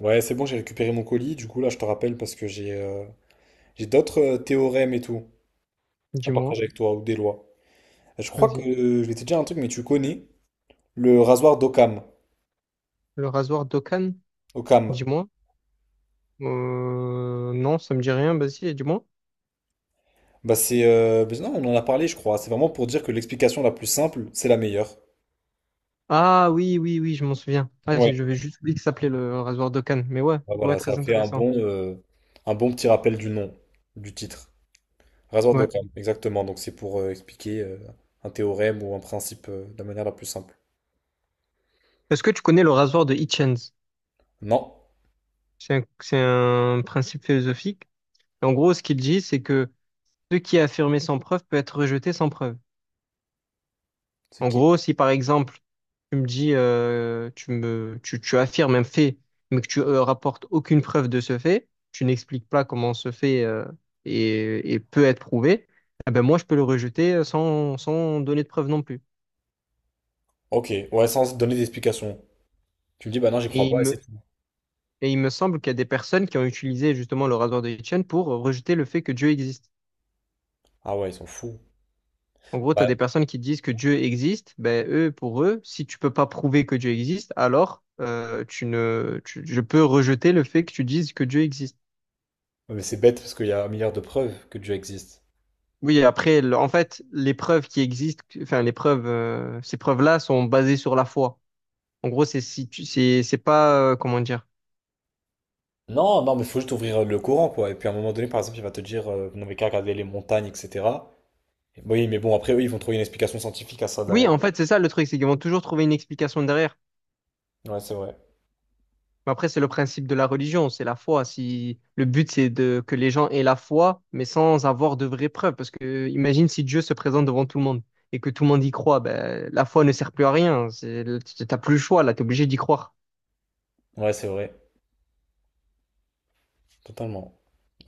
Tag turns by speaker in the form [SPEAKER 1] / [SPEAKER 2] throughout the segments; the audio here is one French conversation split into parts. [SPEAKER 1] Ouais, c'est bon, j'ai récupéré mon colis. Du coup, là, je te rappelle parce que j'ai d'autres théorèmes et tout à
[SPEAKER 2] Dis-moi,
[SPEAKER 1] partager avec toi ou des lois. Je crois que
[SPEAKER 2] vas-y.
[SPEAKER 1] je vais te dire un truc, mais tu connais le rasoir d'Occam.
[SPEAKER 2] Le rasoir d'Okan,
[SPEAKER 1] Occam.
[SPEAKER 2] dis-moi. Non, ça me dit rien, vas-y, dis-moi.
[SPEAKER 1] Bah, non, on en a parlé, je crois. C'est vraiment pour dire que l'explication la plus simple, c'est la meilleure.
[SPEAKER 2] Ah oui, oui, oui, je m'en souviens. Ah,
[SPEAKER 1] Ouais.
[SPEAKER 2] je vais juste oublier que ça s'appelait le rasoir d'Okan. Mais ouais,
[SPEAKER 1] Bah,
[SPEAKER 2] ouais,
[SPEAKER 1] voilà, ça
[SPEAKER 2] très
[SPEAKER 1] fait un
[SPEAKER 2] intéressant.
[SPEAKER 1] bon, euh, un bon petit rappel du nom, du titre. Rasoir
[SPEAKER 2] Ouais.
[SPEAKER 1] d'Occam, exactement. Donc, c'est pour expliquer un théorème ou un principe de la manière la plus simple.
[SPEAKER 2] Est-ce que tu connais le rasoir de Hitchens?
[SPEAKER 1] Non.
[SPEAKER 2] C'est un principe philosophique. Et en gros, ce qu'il dit, c'est que ce qui est affirmé sans preuve peut être rejeté sans preuve.
[SPEAKER 1] C'est
[SPEAKER 2] En
[SPEAKER 1] qui?
[SPEAKER 2] gros, si par exemple, tu me dis, tu affirmes un fait, mais que tu rapportes aucune preuve de ce fait, tu n'expliques pas comment ce fait peut être prouvé, eh ben moi, je peux le rejeter sans donner de preuve non plus.
[SPEAKER 1] Ok, ouais, sans donner d'explication. Tu me dis, bah non, j'y crois
[SPEAKER 2] Et il
[SPEAKER 1] pas et c'est
[SPEAKER 2] me,
[SPEAKER 1] tout.
[SPEAKER 2] et il me semble qu'il y a des personnes qui ont utilisé justement le rasoir de Hitchens pour rejeter le fait que Dieu existe.
[SPEAKER 1] Ah ouais, ils sont fous.
[SPEAKER 2] En gros, tu as
[SPEAKER 1] Bah,
[SPEAKER 2] des personnes qui disent que Dieu existe, ben eux, pour eux, si tu peux pas prouver que Dieu existe, alors tu ne, tu- je peux rejeter le fait que tu dises que Dieu existe.
[SPEAKER 1] ouais, mais c'est bête parce qu'il y a un milliard de preuves que Dieu existe.
[SPEAKER 2] Oui, après, en fait, les preuves qui existent, enfin, les preuves, ces preuves-là sont basées sur la foi. En gros, c'est si tu- c'est pas, comment dire.
[SPEAKER 1] Non, non, mais il faut juste ouvrir le courant, quoi. Et puis à un moment donné, par exemple, il va te dire, vous n'avez qu'à regarder les montagnes, etc. Et oui, mais bon, après, eux, ils vont trouver une explication scientifique à ça
[SPEAKER 2] Oui,
[SPEAKER 1] derrière.
[SPEAKER 2] en fait, c'est ça le truc, c'est qu'ils vont toujours trouver une explication derrière.
[SPEAKER 1] Ouais, c'est vrai.
[SPEAKER 2] Mais après, c'est le principe de la religion, c'est la foi. Si le but, c'est de que les gens aient la foi, mais sans avoir de vraies preuves. Parce que, imagine si Dieu se présente devant tout le monde et que tout le monde y croit, ben, la foi ne sert plus à rien. C'est, t'as plus le choix, là, t'es obligé d'y croire.
[SPEAKER 1] Ouais, c'est vrai. Totalement.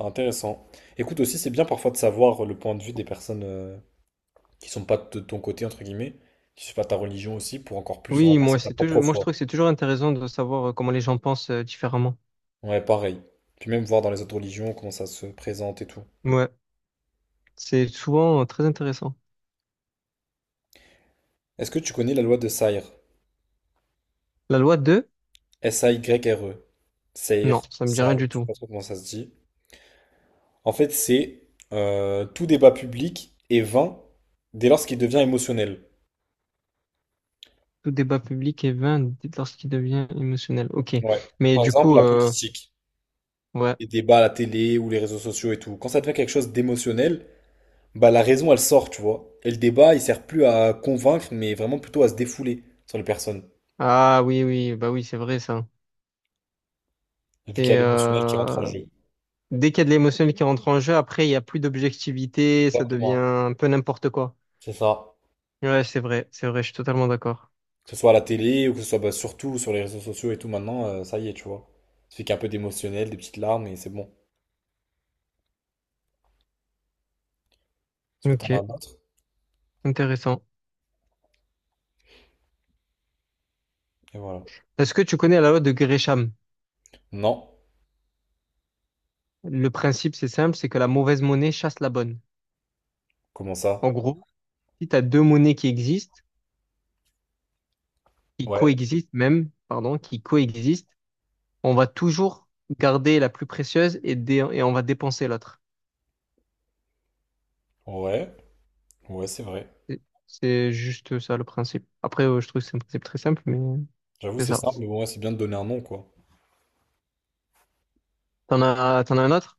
[SPEAKER 1] Intéressant. Écoute, aussi, c'est bien parfois de savoir le point de vue des personnes qui sont pas de ton côté, entre guillemets, qui sont pas ta religion aussi, pour encore plus
[SPEAKER 2] Oui, moi,
[SPEAKER 1] renforcer ta
[SPEAKER 2] c'est toujours,
[SPEAKER 1] propre
[SPEAKER 2] moi, je
[SPEAKER 1] foi.
[SPEAKER 2] trouve que c'est toujours intéressant de savoir comment les gens pensent différemment.
[SPEAKER 1] Ouais, pareil. Puis même voir dans les autres religions comment ça se présente et tout.
[SPEAKER 2] Ouais, c'est souvent très intéressant.
[SPEAKER 1] Est-ce que tu connais la loi de Sayre?
[SPEAKER 2] La loi deux,
[SPEAKER 1] Sayre. Sayre,
[SPEAKER 2] non, ça me dit rien
[SPEAKER 1] Sayre,
[SPEAKER 2] du
[SPEAKER 1] je sais
[SPEAKER 2] tout.
[SPEAKER 1] pas trop comment ça se dit. En fait, c'est tout débat public est vain dès lors qu'il devient émotionnel.
[SPEAKER 2] Tout débat public est vain dès lorsqu'il devient émotionnel. Ok,
[SPEAKER 1] Ouais.
[SPEAKER 2] mais
[SPEAKER 1] Par
[SPEAKER 2] du
[SPEAKER 1] exemple,
[SPEAKER 2] coup,
[SPEAKER 1] la politique,
[SPEAKER 2] ouais.
[SPEAKER 1] les débats à la télé ou les réseaux sociaux et tout. Quand ça devient quelque chose d'émotionnel, bah la raison elle sort, tu vois. Et le débat, il sert plus à convaincre, mais vraiment plutôt à se défouler sur les personnes,
[SPEAKER 2] Ah oui, oui, bah oui, c'est vrai ça.
[SPEAKER 1] vu qu'il y a
[SPEAKER 2] Et
[SPEAKER 1] l'émotionnel qui rentre en jeu.
[SPEAKER 2] dès qu'il y a de l'émotionnel qui rentre en jeu, après il y a plus d'objectivité, ça devient
[SPEAKER 1] Exactement.
[SPEAKER 2] un peu n'importe quoi.
[SPEAKER 1] C'est ça.
[SPEAKER 2] Ouais, c'est vrai, je suis totalement d'accord.
[SPEAKER 1] Que ce soit à la télé ou que ce soit bah, surtout sur les réseaux sociaux et tout maintenant, ça y est, tu vois. Ça fait qu'un peu d'émotionnel, des petites larmes et c'est bon. Est-ce que t'en
[SPEAKER 2] Ok,
[SPEAKER 1] as d'autres?
[SPEAKER 2] intéressant.
[SPEAKER 1] Et voilà.
[SPEAKER 2] Est-ce que tu connais la loi de Gresham?
[SPEAKER 1] Non.
[SPEAKER 2] Le principe, c'est simple, c'est que la mauvaise monnaie chasse la bonne.
[SPEAKER 1] Comment ça?
[SPEAKER 2] En gros, si tu as deux monnaies qui
[SPEAKER 1] Ouais.
[SPEAKER 2] coexistent même, pardon, qui coexistent, on va toujours garder la plus précieuse et, et on va dépenser l'autre.
[SPEAKER 1] Ouais. Ouais, c'est vrai.
[SPEAKER 2] C'est c'est juste ça le principe. Après, je trouve que c'est un principe très simple, mais
[SPEAKER 1] J'avoue,
[SPEAKER 2] c'est
[SPEAKER 1] c'est
[SPEAKER 2] ça.
[SPEAKER 1] simple, mais bon, ouais, c'est bien de donner un nom, quoi.
[SPEAKER 2] T'en as un autre?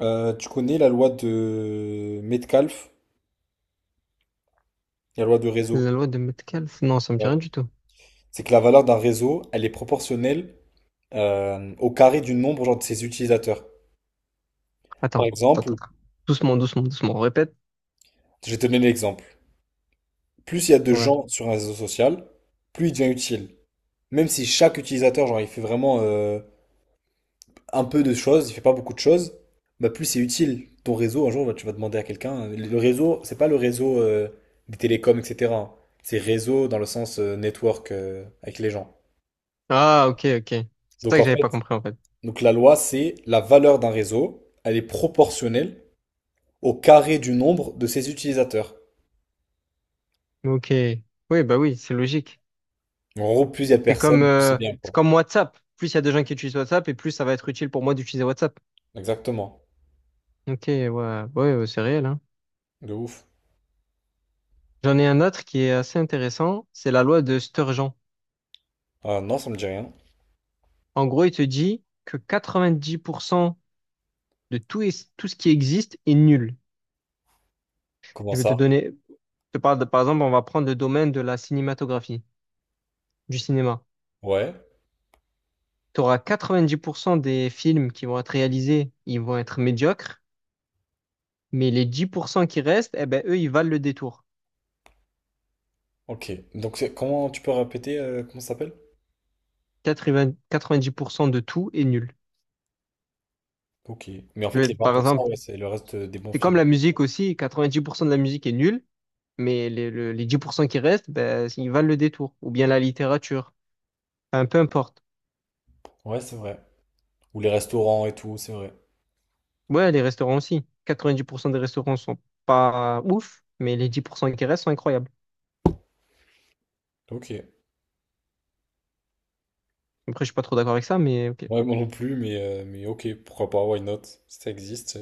[SPEAKER 1] Tu connais la loi de Metcalfe et la loi de réseau.
[SPEAKER 2] La loi de Metcalfe? Non, ça me dit
[SPEAKER 1] Ouais.
[SPEAKER 2] rien du tout.
[SPEAKER 1] C'est que la valeur d'un réseau, elle est proportionnelle au carré du nombre genre, de ses utilisateurs. Par
[SPEAKER 2] Attends, attends, attends.
[SPEAKER 1] exemple,
[SPEAKER 2] attends. Doucement, doucement, doucement. On répète.
[SPEAKER 1] je vais te donner l'exemple. Plus il y a de
[SPEAKER 2] Ouais.
[SPEAKER 1] gens sur un réseau social, plus il devient utile. Même si chaque utilisateur, genre, il fait vraiment un peu de choses, il fait pas beaucoup de choses, bah plus c'est utile. Ton réseau, un jour, bah, tu vas demander à quelqu'un. Le réseau, c'est pas le réseau des télécoms, etc. hein. C'est réseau dans le sens network avec les gens.
[SPEAKER 2] Ah, ok. C'est Ça
[SPEAKER 1] Donc
[SPEAKER 2] que
[SPEAKER 1] en
[SPEAKER 2] j'avais
[SPEAKER 1] fait,
[SPEAKER 2] pas compris en fait.
[SPEAKER 1] donc la loi, c'est la valeur d'un réseau, elle est proportionnelle au carré du nombre de ses utilisateurs.
[SPEAKER 2] Ok. Oui, bah oui, c'est logique.
[SPEAKER 1] En gros, plus il y a de personnes, plus c'est bien,
[SPEAKER 2] C'est
[SPEAKER 1] quoi.
[SPEAKER 2] comme WhatsApp. Plus il y a de gens qui utilisent WhatsApp et plus ça va être utile pour moi d'utiliser WhatsApp.
[SPEAKER 1] Exactement.
[SPEAKER 2] Ok, ouais, c'est réel, hein.
[SPEAKER 1] De ouf.
[SPEAKER 2] J'en ai un autre qui est assez intéressant, c'est la loi de Sturgeon.
[SPEAKER 1] Ah non, ça me dit rien.
[SPEAKER 2] En gros, il te dit que 90% tout ce qui existe est nul.
[SPEAKER 1] Comment
[SPEAKER 2] Je vais te
[SPEAKER 1] ça?
[SPEAKER 2] donner, je te parle de, par exemple, on va prendre le domaine de la cinématographie, du cinéma.
[SPEAKER 1] Ouais.
[SPEAKER 2] Tu auras 90% des films qui vont être réalisés, ils vont être médiocres, mais les 10% qui restent, eh ben, eux, ils valent le détour.
[SPEAKER 1] Ok, donc c'est- comment tu peux répéter comment ça s'appelle?
[SPEAKER 2] 80 90% de tout est nul.
[SPEAKER 1] Ok, mais en
[SPEAKER 2] Je
[SPEAKER 1] fait
[SPEAKER 2] vais,
[SPEAKER 1] les
[SPEAKER 2] par
[SPEAKER 1] 20%
[SPEAKER 2] exemple,
[SPEAKER 1] ouais, c'est le reste des bons
[SPEAKER 2] c'est comme
[SPEAKER 1] films.
[SPEAKER 2] la musique aussi, 90% de la musique est nulle, mais les 10% qui restent, ben, ils valent le détour. Ou bien la littérature, enfin, peu importe.
[SPEAKER 1] Ouais, c'est vrai. Ou les restaurants et tout, c'est vrai.
[SPEAKER 2] Ouais, les restaurants aussi. 90% des restaurants sont pas ouf, mais les 10% qui restent sont incroyables.
[SPEAKER 1] Ok.
[SPEAKER 2] Après, je suis pas trop d'accord avec ça, mais ok.
[SPEAKER 1] Ouais, moi non plus, mais ok, pourquoi pas, why not? Ça existe.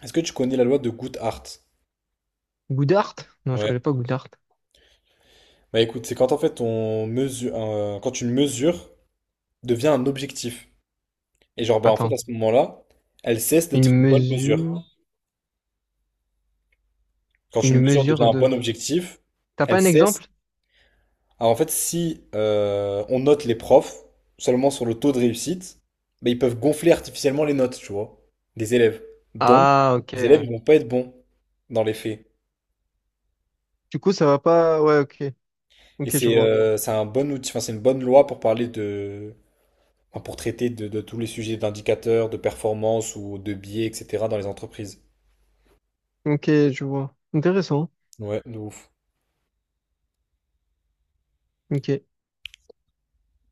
[SPEAKER 1] Est-ce que tu connais la loi de Goodhart?
[SPEAKER 2] Goudart? Non, je
[SPEAKER 1] Ouais.
[SPEAKER 2] connais pas Goudart.
[SPEAKER 1] Bah écoute, c'est quand en fait quand une mesure devient un objectif. Et genre, bah en fait à
[SPEAKER 2] Attends,
[SPEAKER 1] ce moment-là, elle cesse
[SPEAKER 2] une
[SPEAKER 1] d'être une bonne mesure.
[SPEAKER 2] mesure,
[SPEAKER 1] Quand une
[SPEAKER 2] une
[SPEAKER 1] mesure devient
[SPEAKER 2] mesure
[SPEAKER 1] un
[SPEAKER 2] de...
[SPEAKER 1] bon objectif,
[SPEAKER 2] T'as pas
[SPEAKER 1] elle
[SPEAKER 2] un
[SPEAKER 1] cesse.
[SPEAKER 2] exemple?
[SPEAKER 1] Alors en fait, si on note les profs seulement sur le taux de réussite, bah, ils peuvent gonfler artificiellement les notes, tu vois, des élèves. Donc,
[SPEAKER 2] Ah,
[SPEAKER 1] les élèves ils
[SPEAKER 2] ok.
[SPEAKER 1] vont pas être bons dans les faits.
[SPEAKER 2] Du coup, ça va pas... Ouais, ok.
[SPEAKER 1] Et
[SPEAKER 2] Ok, je
[SPEAKER 1] c'est
[SPEAKER 2] vois.
[SPEAKER 1] euh, c'est un bon outil, enfin, c'est une bonne loi pour parler de, enfin, pour traiter de, tous les sujets d'indicateurs, de performance ou de biais, etc. dans les entreprises.
[SPEAKER 2] Ok, je vois. Intéressant.
[SPEAKER 1] Ouais, de ouf.
[SPEAKER 2] Ok.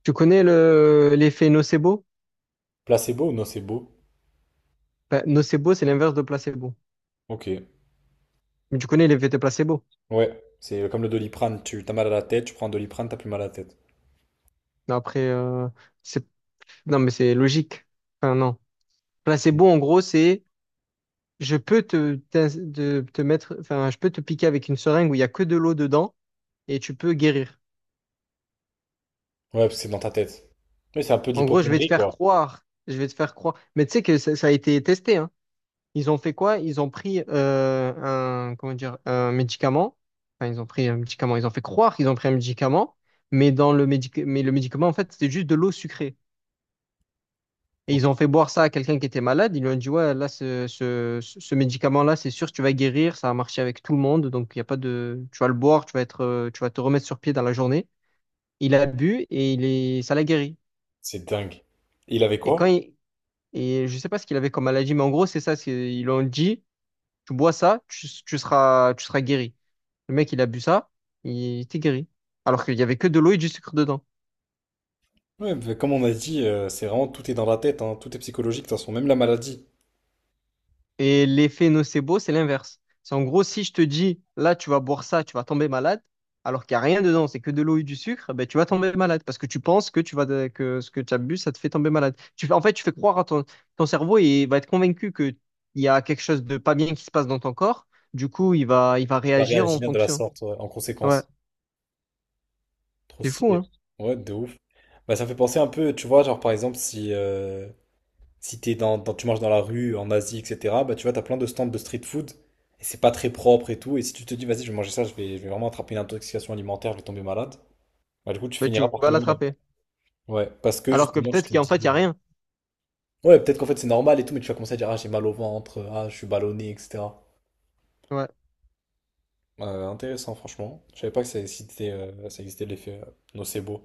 [SPEAKER 2] Tu connais l'effet nocebo?
[SPEAKER 1] Placebo ou nocebo?
[SPEAKER 2] Ben, nocebo, c'est l'inverse de placebo.
[SPEAKER 1] Ok.
[SPEAKER 2] Mais tu connais l'effet de placebo.
[SPEAKER 1] Ouais, c'est comme le doliprane. Tu t'as mal à la tête, tu prends un doliprane, t'as plus mal à la tête.
[SPEAKER 2] Mais Après, euh, c'est, non, mais c'est logique. Enfin, non.
[SPEAKER 1] Ouais,
[SPEAKER 2] Placebo, en gros, c'est je peux te, t'in- de- te mettre, enfin, je peux te piquer avec une seringue où il n'y a que de l'eau dedans et tu peux guérir.
[SPEAKER 1] parce que c'est dans ta tête. Oui, c'est un peu de
[SPEAKER 2] En gros, je vais te
[SPEAKER 1] l'hypocondrie,
[SPEAKER 2] faire
[SPEAKER 1] quoi.
[SPEAKER 2] croire. Je vais te faire croire. Mais tu sais que ça a été testé, hein. Ils ont fait quoi? Ils ont pris un, comment dire, un médicament. Enfin, ils ont pris un médicament. Ils ont fait croire qu'ils ont pris un médicament, mais le médicament, en fait, c'était juste de l'eau sucrée. Et
[SPEAKER 1] Ok.
[SPEAKER 2] ils ont fait boire ça à quelqu'un qui était malade. Ils lui ont dit, ouais, là, ce médicament-là, c'est sûr, tu vas guérir. Ça a marché avec tout le monde. Donc, il y a pas de, tu vas le boire, tu vas te remettre sur pied dans la journée. Il a bu et ça l'a guéri.
[SPEAKER 1] C'est dingue. Et il avait
[SPEAKER 2] Et quand
[SPEAKER 1] quoi?
[SPEAKER 2] il, et je sais pas ce qu'il avait comme maladie, mais en gros, c'est ça. Ils lui ont dit, tu bois ça, tu seras guéri. Le mec, il a bu ça, il était guéri. Alors qu'il y avait que de l'eau et du sucre dedans.
[SPEAKER 1] Ouais, bah, comme on a dit, c'est vraiment tout est dans la tête, hein, tout est psychologique, de toute façon, même la maladie
[SPEAKER 2] Et l'effet nocebo, c'est l'inverse. C'est en gros, si je te dis, là, tu vas boire ça, tu vas tomber malade, alors qu'il n'y a rien dedans, c'est que de l'eau et du sucre, ben, tu vas tomber malade parce que tu penses que, que ce que tu as bu, ça te fait tomber malade. Tu fais croire à ton, ton cerveau et il va être convaincu qu'il y a quelque chose de pas bien qui se passe dans ton corps. Du coup, il va
[SPEAKER 1] va
[SPEAKER 2] réagir en
[SPEAKER 1] réagir de la
[SPEAKER 2] fonction.
[SPEAKER 1] sorte, ouais, en
[SPEAKER 2] Ouais,
[SPEAKER 1] conséquence. Trop
[SPEAKER 2] c'est fou,
[SPEAKER 1] stylé.
[SPEAKER 2] hein?
[SPEAKER 1] Ouais, de ouf. Bah, ça me fait penser un peu, tu vois, genre par exemple, si t'es tu marches dans la rue, en Asie, etc., bah tu vois, t'as plein de stands de street food, et c'est pas très propre et tout, et si tu te dis, vas-y, je vais manger ça, je vais vraiment attraper une intoxication alimentaire, je vais tomber malade, bah du coup, tu
[SPEAKER 2] Ben, tu
[SPEAKER 1] finiras par
[SPEAKER 2] vas
[SPEAKER 1] tomber malade.
[SPEAKER 2] l'attraper.
[SPEAKER 1] Ouais, parce que
[SPEAKER 2] Alors que
[SPEAKER 1] justement, tu
[SPEAKER 2] peut-être
[SPEAKER 1] te
[SPEAKER 2] qu'en fait, il n'y
[SPEAKER 1] dis.
[SPEAKER 2] a rien.
[SPEAKER 1] Ouais, peut-être qu'en fait c'est normal et tout, mais tu vas commencer à dire, ah, j'ai mal au ventre, ah, je suis ballonné, etc.
[SPEAKER 2] Ouais,
[SPEAKER 1] Intéressant, franchement. Je savais pas que ça existait l'effet nocebo.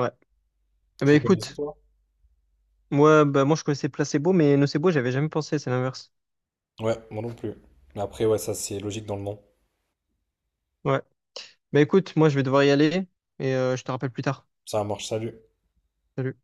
[SPEAKER 2] ouais. Eh ben,
[SPEAKER 1] Tu connaissais,
[SPEAKER 2] écoute.
[SPEAKER 1] toi?
[SPEAKER 2] Ouais, bah moi je connaissais Placebo, mais Nocebo, j'avais jamais pensé, c'est l'inverse.
[SPEAKER 1] Ouais, moi non plus. Mais après, ouais, ça c'est logique dans le nom.
[SPEAKER 2] Ouais. Bah écoute, moi je vais devoir y aller et je te rappelle plus tard.
[SPEAKER 1] Ça marche, salut.
[SPEAKER 2] Salut.